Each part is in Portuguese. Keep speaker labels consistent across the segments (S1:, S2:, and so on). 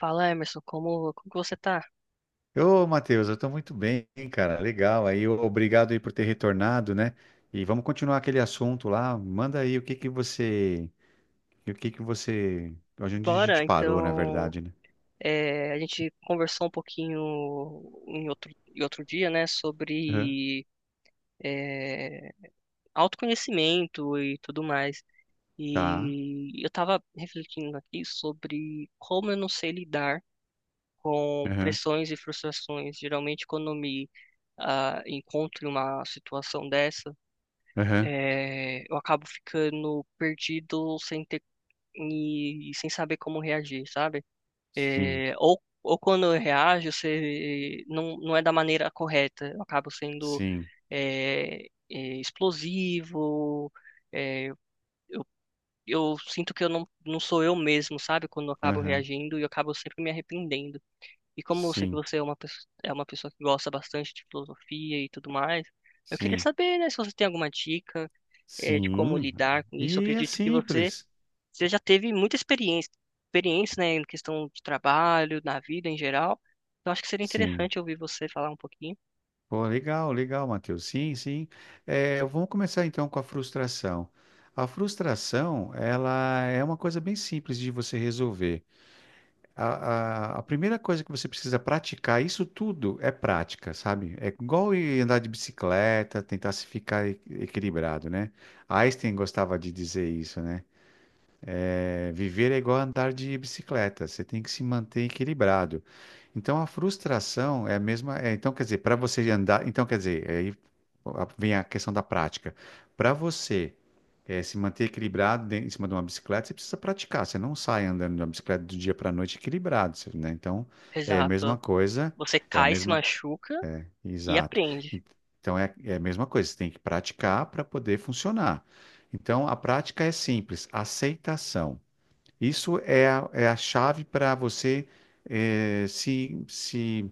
S1: Fala, Emerson, como que você tá?
S2: Ô, Matheus, eu tô muito bem, cara. Legal. Aí, ô, obrigado aí por ter retornado, né? E vamos continuar aquele assunto lá. Manda aí o que que você, onde a gente
S1: Bora,
S2: parou, na
S1: então,
S2: verdade, né?
S1: a gente conversou um pouquinho em outro dia, né,
S2: Aham.
S1: sobre é, autoconhecimento e tudo mais.
S2: Tá.
S1: E eu tava refletindo aqui sobre como eu não sei lidar com
S2: Aham.
S1: pressões e frustrações. Geralmente, quando eu me encontro em uma situação dessa,
S2: Aham.
S1: eu acabo ficando perdido sem ter, e sem saber como reagir, sabe?
S2: Sim.
S1: É, ou quando eu reajo, você não é da maneira correta. Eu acabo sendo
S2: Sim.
S1: é, explosivo. é, eu sinto que eu não sou eu mesmo, sabe? Quando eu acabo
S2: Aham.
S1: reagindo e eu acabo sempre me arrependendo. E como eu sei que
S2: Sim.
S1: você é é uma pessoa que gosta bastante de filosofia e tudo mais, eu queria
S2: Sim.
S1: saber, né, se você tem alguma dica, de como
S2: Sim.
S1: lidar com isso. Eu
S2: E é
S1: acredito que você
S2: simples.
S1: você já teve muita experiência, né, em questão de trabalho, na vida em geral. Então acho que seria
S2: Sim.
S1: interessante ouvir você falar um pouquinho.
S2: Pô, legal, legal, Matheus. Sim, sim. É, vamos começar então com a frustração. A frustração, ela é uma coisa bem simples de você resolver. A primeira coisa que você precisa praticar, isso tudo é prática, sabe? É igual ir andar de bicicleta, tentar se ficar equilibrado, né? Einstein gostava de dizer isso, né? É, viver é igual a andar de bicicleta, você tem que se manter equilibrado. Então a frustração é a mesma, é, então quer dizer, para você andar, então quer dizer, aí vem a questão da prática. Para você se manter equilibrado em cima de uma bicicleta, você precisa praticar, você não sai andando de uma bicicleta do dia para a noite equilibrado, você- né? Então é a mesma
S1: Exato.
S2: coisa,
S1: Você
S2: é a
S1: cai, se
S2: mesma,
S1: machuca e
S2: exato. En-
S1: aprende.
S2: Então é a mesma coisa, você tem que praticar para poder funcionar. Então a prática é simples: aceitação. Isso é é a chave para você se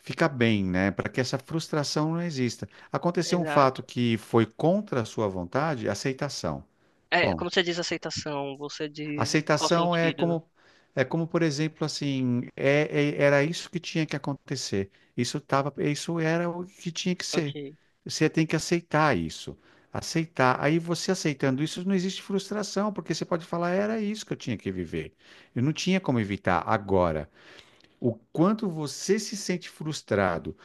S2: ficar bem, né? Para que essa frustração não exista. Aconteceu um fato
S1: Exato.
S2: que foi contra a sua vontade: aceitação.
S1: É, como
S2: Ponto.
S1: você diz aceitação, você diz em qual
S2: Aceitação
S1: sentido?
S2: é como, por exemplo, assim, era isso que tinha que acontecer. Isso tava, isso era o que tinha que ser.
S1: Ok.
S2: Você tem que aceitar isso. Aceitar. Aí você aceitando isso, não existe frustração, porque você pode falar: era isso que eu tinha que viver. Eu não tinha como evitar. Agora, o quanto você se sente frustrado,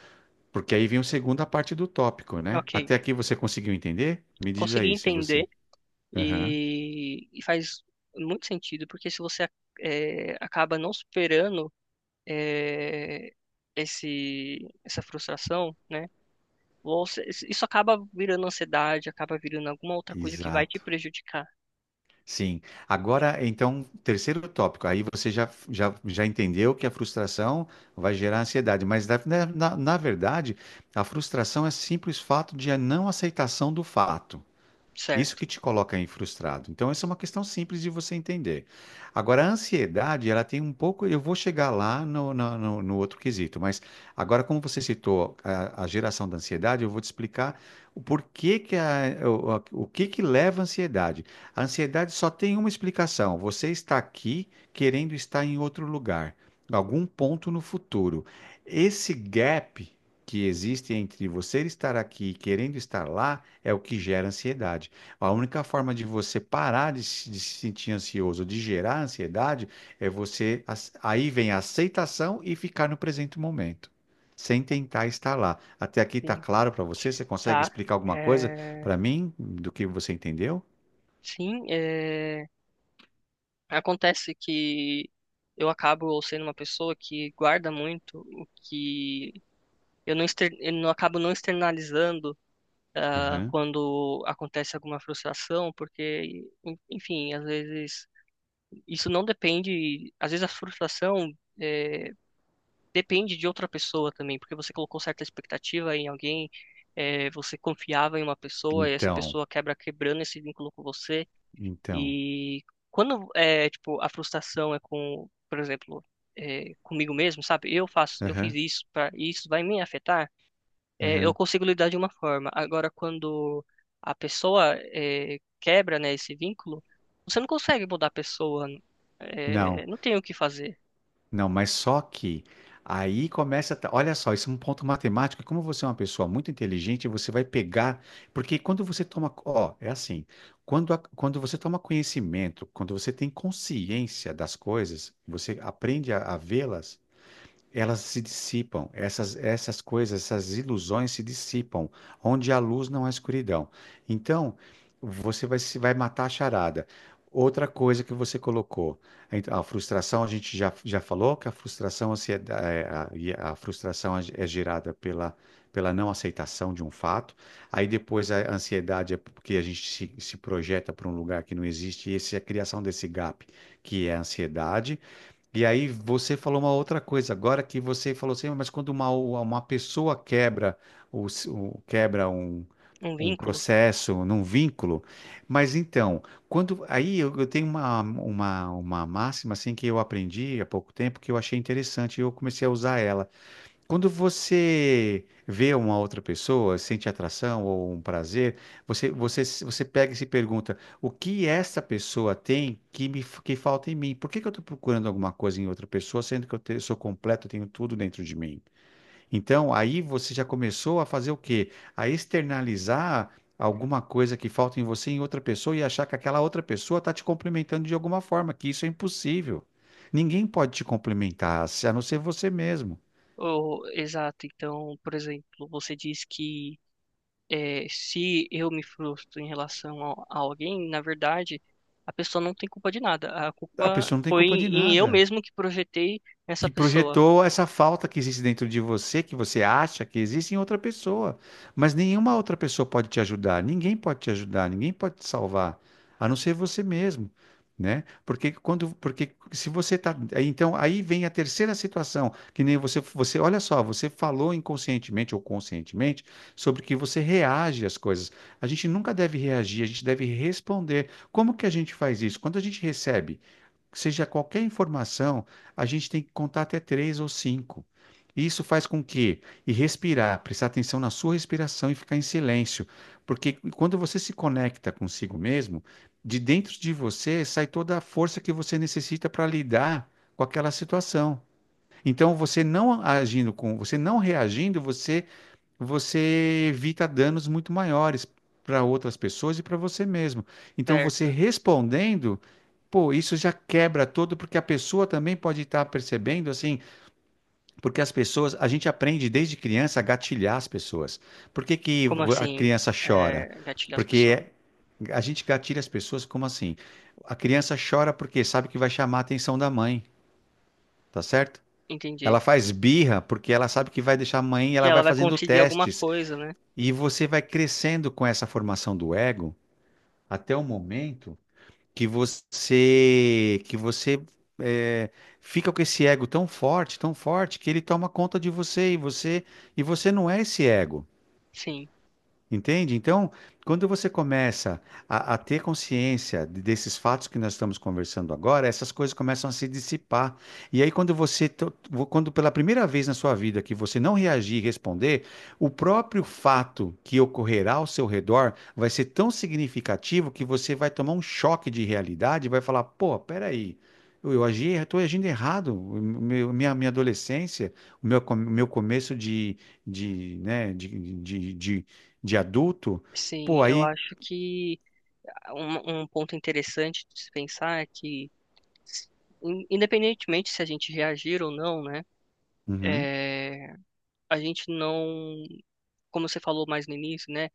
S2: porque aí vem a segunda parte do tópico, né?
S1: Ok.
S2: Até aqui você conseguiu entender? Me diz
S1: Consegui
S2: aí se
S1: entender
S2: você. Aham.
S1: e faz muito sentido, porque se você acaba não superando é, esse, essa frustração, né? Você, isso acaba virando ansiedade, acaba virando alguma outra coisa que vai te
S2: Exato.
S1: prejudicar,
S2: Sim. Agora, então, terceiro tópico. Aí você já entendeu que a frustração vai gerar ansiedade, mas na verdade, a frustração é simples fato de a não aceitação do fato. Isso
S1: certo?
S2: que te coloca aí frustrado. Então, essa é uma questão simples de você entender. Agora, a ansiedade, ela tem um pouco. Eu vou chegar lá no outro quesito, mas agora, como você citou a geração da ansiedade, eu vou te explicar o porquê que o que que leva à ansiedade. A ansiedade só tem uma explicação: você está aqui querendo estar em outro lugar, em algum ponto no futuro. Esse gap que existe entre você estar aqui e querendo estar lá é o que gera ansiedade. A única forma de você parar de se sentir ansioso, de gerar ansiedade, é você. Aí vem a aceitação e ficar no presente momento, sem tentar estar lá. Até aqui está
S1: Sim,
S2: claro para você? Você consegue
S1: tá?
S2: explicar alguma coisa
S1: É,
S2: para mim do que você entendeu?
S1: sim, acontece que eu acabo sendo uma pessoa que guarda muito o que eu eu não acabo não externalizando
S2: Aham.
S1: quando acontece alguma frustração, porque, enfim, às vezes isso não depende, às vezes a frustração é, depende de outra pessoa também, porque você colocou certa expectativa em alguém, você confiava em uma pessoa e essa
S2: Então,
S1: pessoa quebrando esse vínculo com você.
S2: então.
S1: E quando é tipo a frustração é com, por exemplo, comigo mesmo, sabe? Eu fiz
S2: Aham,
S1: isso para isso vai me afetar. É, eu
S2: aham.
S1: consigo lidar de uma forma. Agora, quando a pessoa quebra, né, esse vínculo, você não consegue mudar a pessoa.
S2: Não.
S1: Não tem o que fazer.
S2: Não, mas só que aí começa. Olha só, isso é um ponto matemático. Como você é uma pessoa muito inteligente, você vai pegar. Porque quando você toma. Ó, é assim. Quando, quando você toma conhecimento, quando você tem consciência das coisas, você aprende a vê-las, elas se dissipam, essas coisas, essas ilusões se dissipam. Onde há luz, não há escuridão. Então, você vai, vai matar a charada. Outra coisa que você colocou, a frustração, a gente já falou que a frustração, a frustração é gerada pela não aceitação de um fato. Aí depois a ansiedade é porque a gente se projeta para um lugar que não existe, e essa é a criação desse gap, que é a ansiedade. E aí você falou uma outra coisa, agora que você falou assim, mas quando uma pessoa quebra, quebra
S1: Um
S2: um
S1: vínculo.
S2: processo, num vínculo, mas então, quando aí eu tenho uma máxima assim que eu aprendi há pouco tempo que eu achei interessante e eu comecei a usar ela. Quando você vê uma outra pessoa, sente atração ou um prazer, você pega e se pergunta: o que essa pessoa tem que me que falta em mim? Por que que eu estou procurando alguma coisa em outra pessoa, sendo que eu sou completo, eu tenho tudo dentro de mim? Então, aí você já começou a fazer o quê? A externalizar alguma coisa que falta em você em outra pessoa e achar que aquela outra pessoa está te complementando de alguma forma, que isso é impossível. Ninguém pode te complementar, a não ser você mesmo.
S1: Oh, exato. Então, por exemplo, você diz que se eu me frustro em relação alguém, na verdade, a pessoa não tem culpa de nada. A
S2: A
S1: culpa
S2: pessoa não tem
S1: foi
S2: culpa de
S1: eu
S2: nada.
S1: mesmo que projetei essa
S2: Que
S1: pessoa,
S2: projetou essa falta que existe dentro de você, que você acha que existe em outra pessoa. Mas nenhuma outra pessoa pode te ajudar. Ninguém pode te ajudar, ninguém pode te salvar, a não ser você mesmo, né? Porque quando, porque se você tá, aí, então aí vem a terceira situação, que nem você, você, olha só, você falou inconscientemente ou conscientemente sobre que você reage às coisas. A gente nunca deve reagir, a gente deve responder. Como que a gente faz isso? Quando a gente recebe que seja qualquer informação, a gente tem que contar até três ou cinco. Isso faz com que, e respirar, prestar atenção na sua respiração e ficar em silêncio, porque quando você se conecta consigo mesmo, de dentro de você sai toda a força que você necessita para lidar com aquela situação. Então, você não agindo com, você não reagindo, você evita danos muito maiores para outras pessoas e para você mesmo. Então, você
S1: certo?
S2: respondendo, pô, isso já quebra todo, porque a pessoa também pode estar percebendo, assim, porque as pessoas, a gente aprende desde criança a gatilhar as pessoas. Por que que
S1: Como
S2: a
S1: assim,
S2: criança chora?
S1: gatilhar as pessoas?
S2: Porque a gente gatilha as pessoas como assim? A criança chora porque sabe que vai chamar a atenção da mãe, tá certo?
S1: Entendi.
S2: Ela faz birra porque ela sabe que vai deixar a mãe, e
S1: Que
S2: ela
S1: ela
S2: vai
S1: vai
S2: fazendo
S1: conseguir alguma
S2: testes
S1: coisa, né?
S2: e você vai crescendo com essa formação do ego até o momento que você eh, fica com esse ego tão forte que ele toma conta de você e você não é esse ego.
S1: Sim,
S2: Entende? Então, quando você começa a ter consciência desses fatos que nós estamos conversando agora, essas coisas começam a se dissipar. E aí, quando quando pela primeira vez na sua vida que você não reagir e responder, o próprio fato que ocorrerá ao seu redor vai ser tão significativo que você vai tomar um choque de realidade e vai falar: pô, peraí. Eu agi, estou agindo errado. O minha adolescência, o meu, meu começo de, né, de, de de adulto,
S1: sim.
S2: pô,
S1: Eu
S2: aí.
S1: acho que um ponto interessante de se pensar é que, independentemente se a gente reagir ou não, né?
S2: Uhum,
S1: eh, a gente não, como você falou mais no início, né?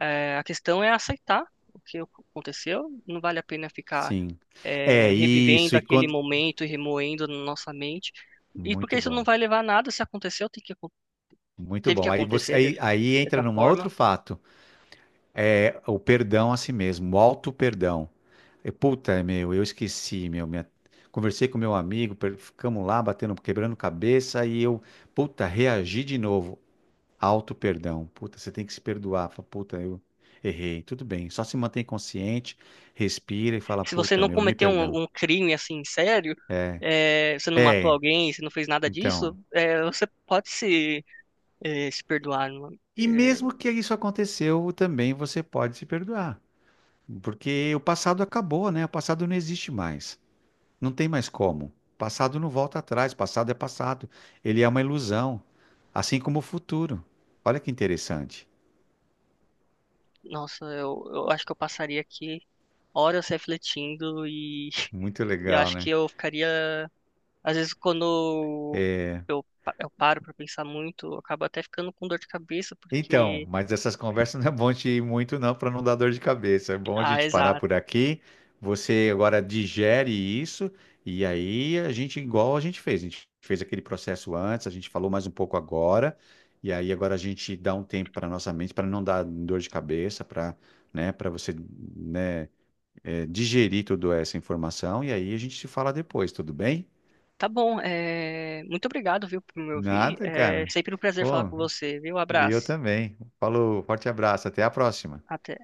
S1: É, a questão é aceitar o que aconteceu. Não vale a pena ficar
S2: sim. É isso.
S1: revivendo
S2: E
S1: aquele
S2: quando.
S1: momento e remoendo na nossa mente. E porque
S2: Muito
S1: isso não
S2: bom.
S1: vai levar a nada se aconteceu,
S2: Muito
S1: teve que
S2: bom. Aí
S1: acontecer
S2: aí entra
S1: dessa
S2: num
S1: forma.
S2: outro fato. É o perdão a si mesmo, o auto-perdão. E puta, é meu, eu esqueci, meu. Conversei com meu amigo, ficamos lá batendo, quebrando cabeça e eu, puta, reagi de novo. Auto-perdão. Puta, você tem que se perdoar. Fala, puta, eu errei. Tudo bem. Só se mantém consciente, respira e fala,
S1: Se você
S2: puta,
S1: não
S2: meu, me
S1: cometeu
S2: perdão.
S1: um crime assim sério, é, você não matou
S2: É,
S1: alguém, você não fez nada disso,
S2: então.
S1: você pode se perdoar. Não é?
S2: E
S1: É,
S2: mesmo que isso aconteceu, também você pode se perdoar, porque o passado acabou, né? O passado não existe mais. Não tem mais como. O passado não volta atrás, o passado é passado. Ele é uma ilusão, assim como o futuro. Olha que interessante.
S1: nossa, eu acho que eu passaria aqui horas refletindo e,
S2: Muito
S1: e eu
S2: legal,
S1: acho que
S2: né?
S1: eu ficaria, às vezes quando eu paro para pensar muito, eu acabo até ficando com dor de cabeça
S2: Então,
S1: porque,
S2: mas essas conversas não é bom te ir muito, não, para não dar dor de cabeça. É bom a
S1: ah,
S2: gente parar
S1: exato.
S2: por aqui. Você agora digere isso, e aí a gente, igual a gente fez aquele processo antes, a gente falou mais um pouco agora, e aí agora a gente dá um tempo para nossa mente, para não dar dor de cabeça, para, né, para você, né, digerir toda essa informação, e aí a gente se fala depois, tudo bem?
S1: Tá bom, é, muito obrigado, viu, por me ouvir.
S2: Nada,
S1: É
S2: cara.
S1: sempre um prazer falar
S2: Pô,
S1: com você, viu?
S2: e eu
S1: Abraço.
S2: também. Falou, forte abraço, até a próxima.
S1: Até.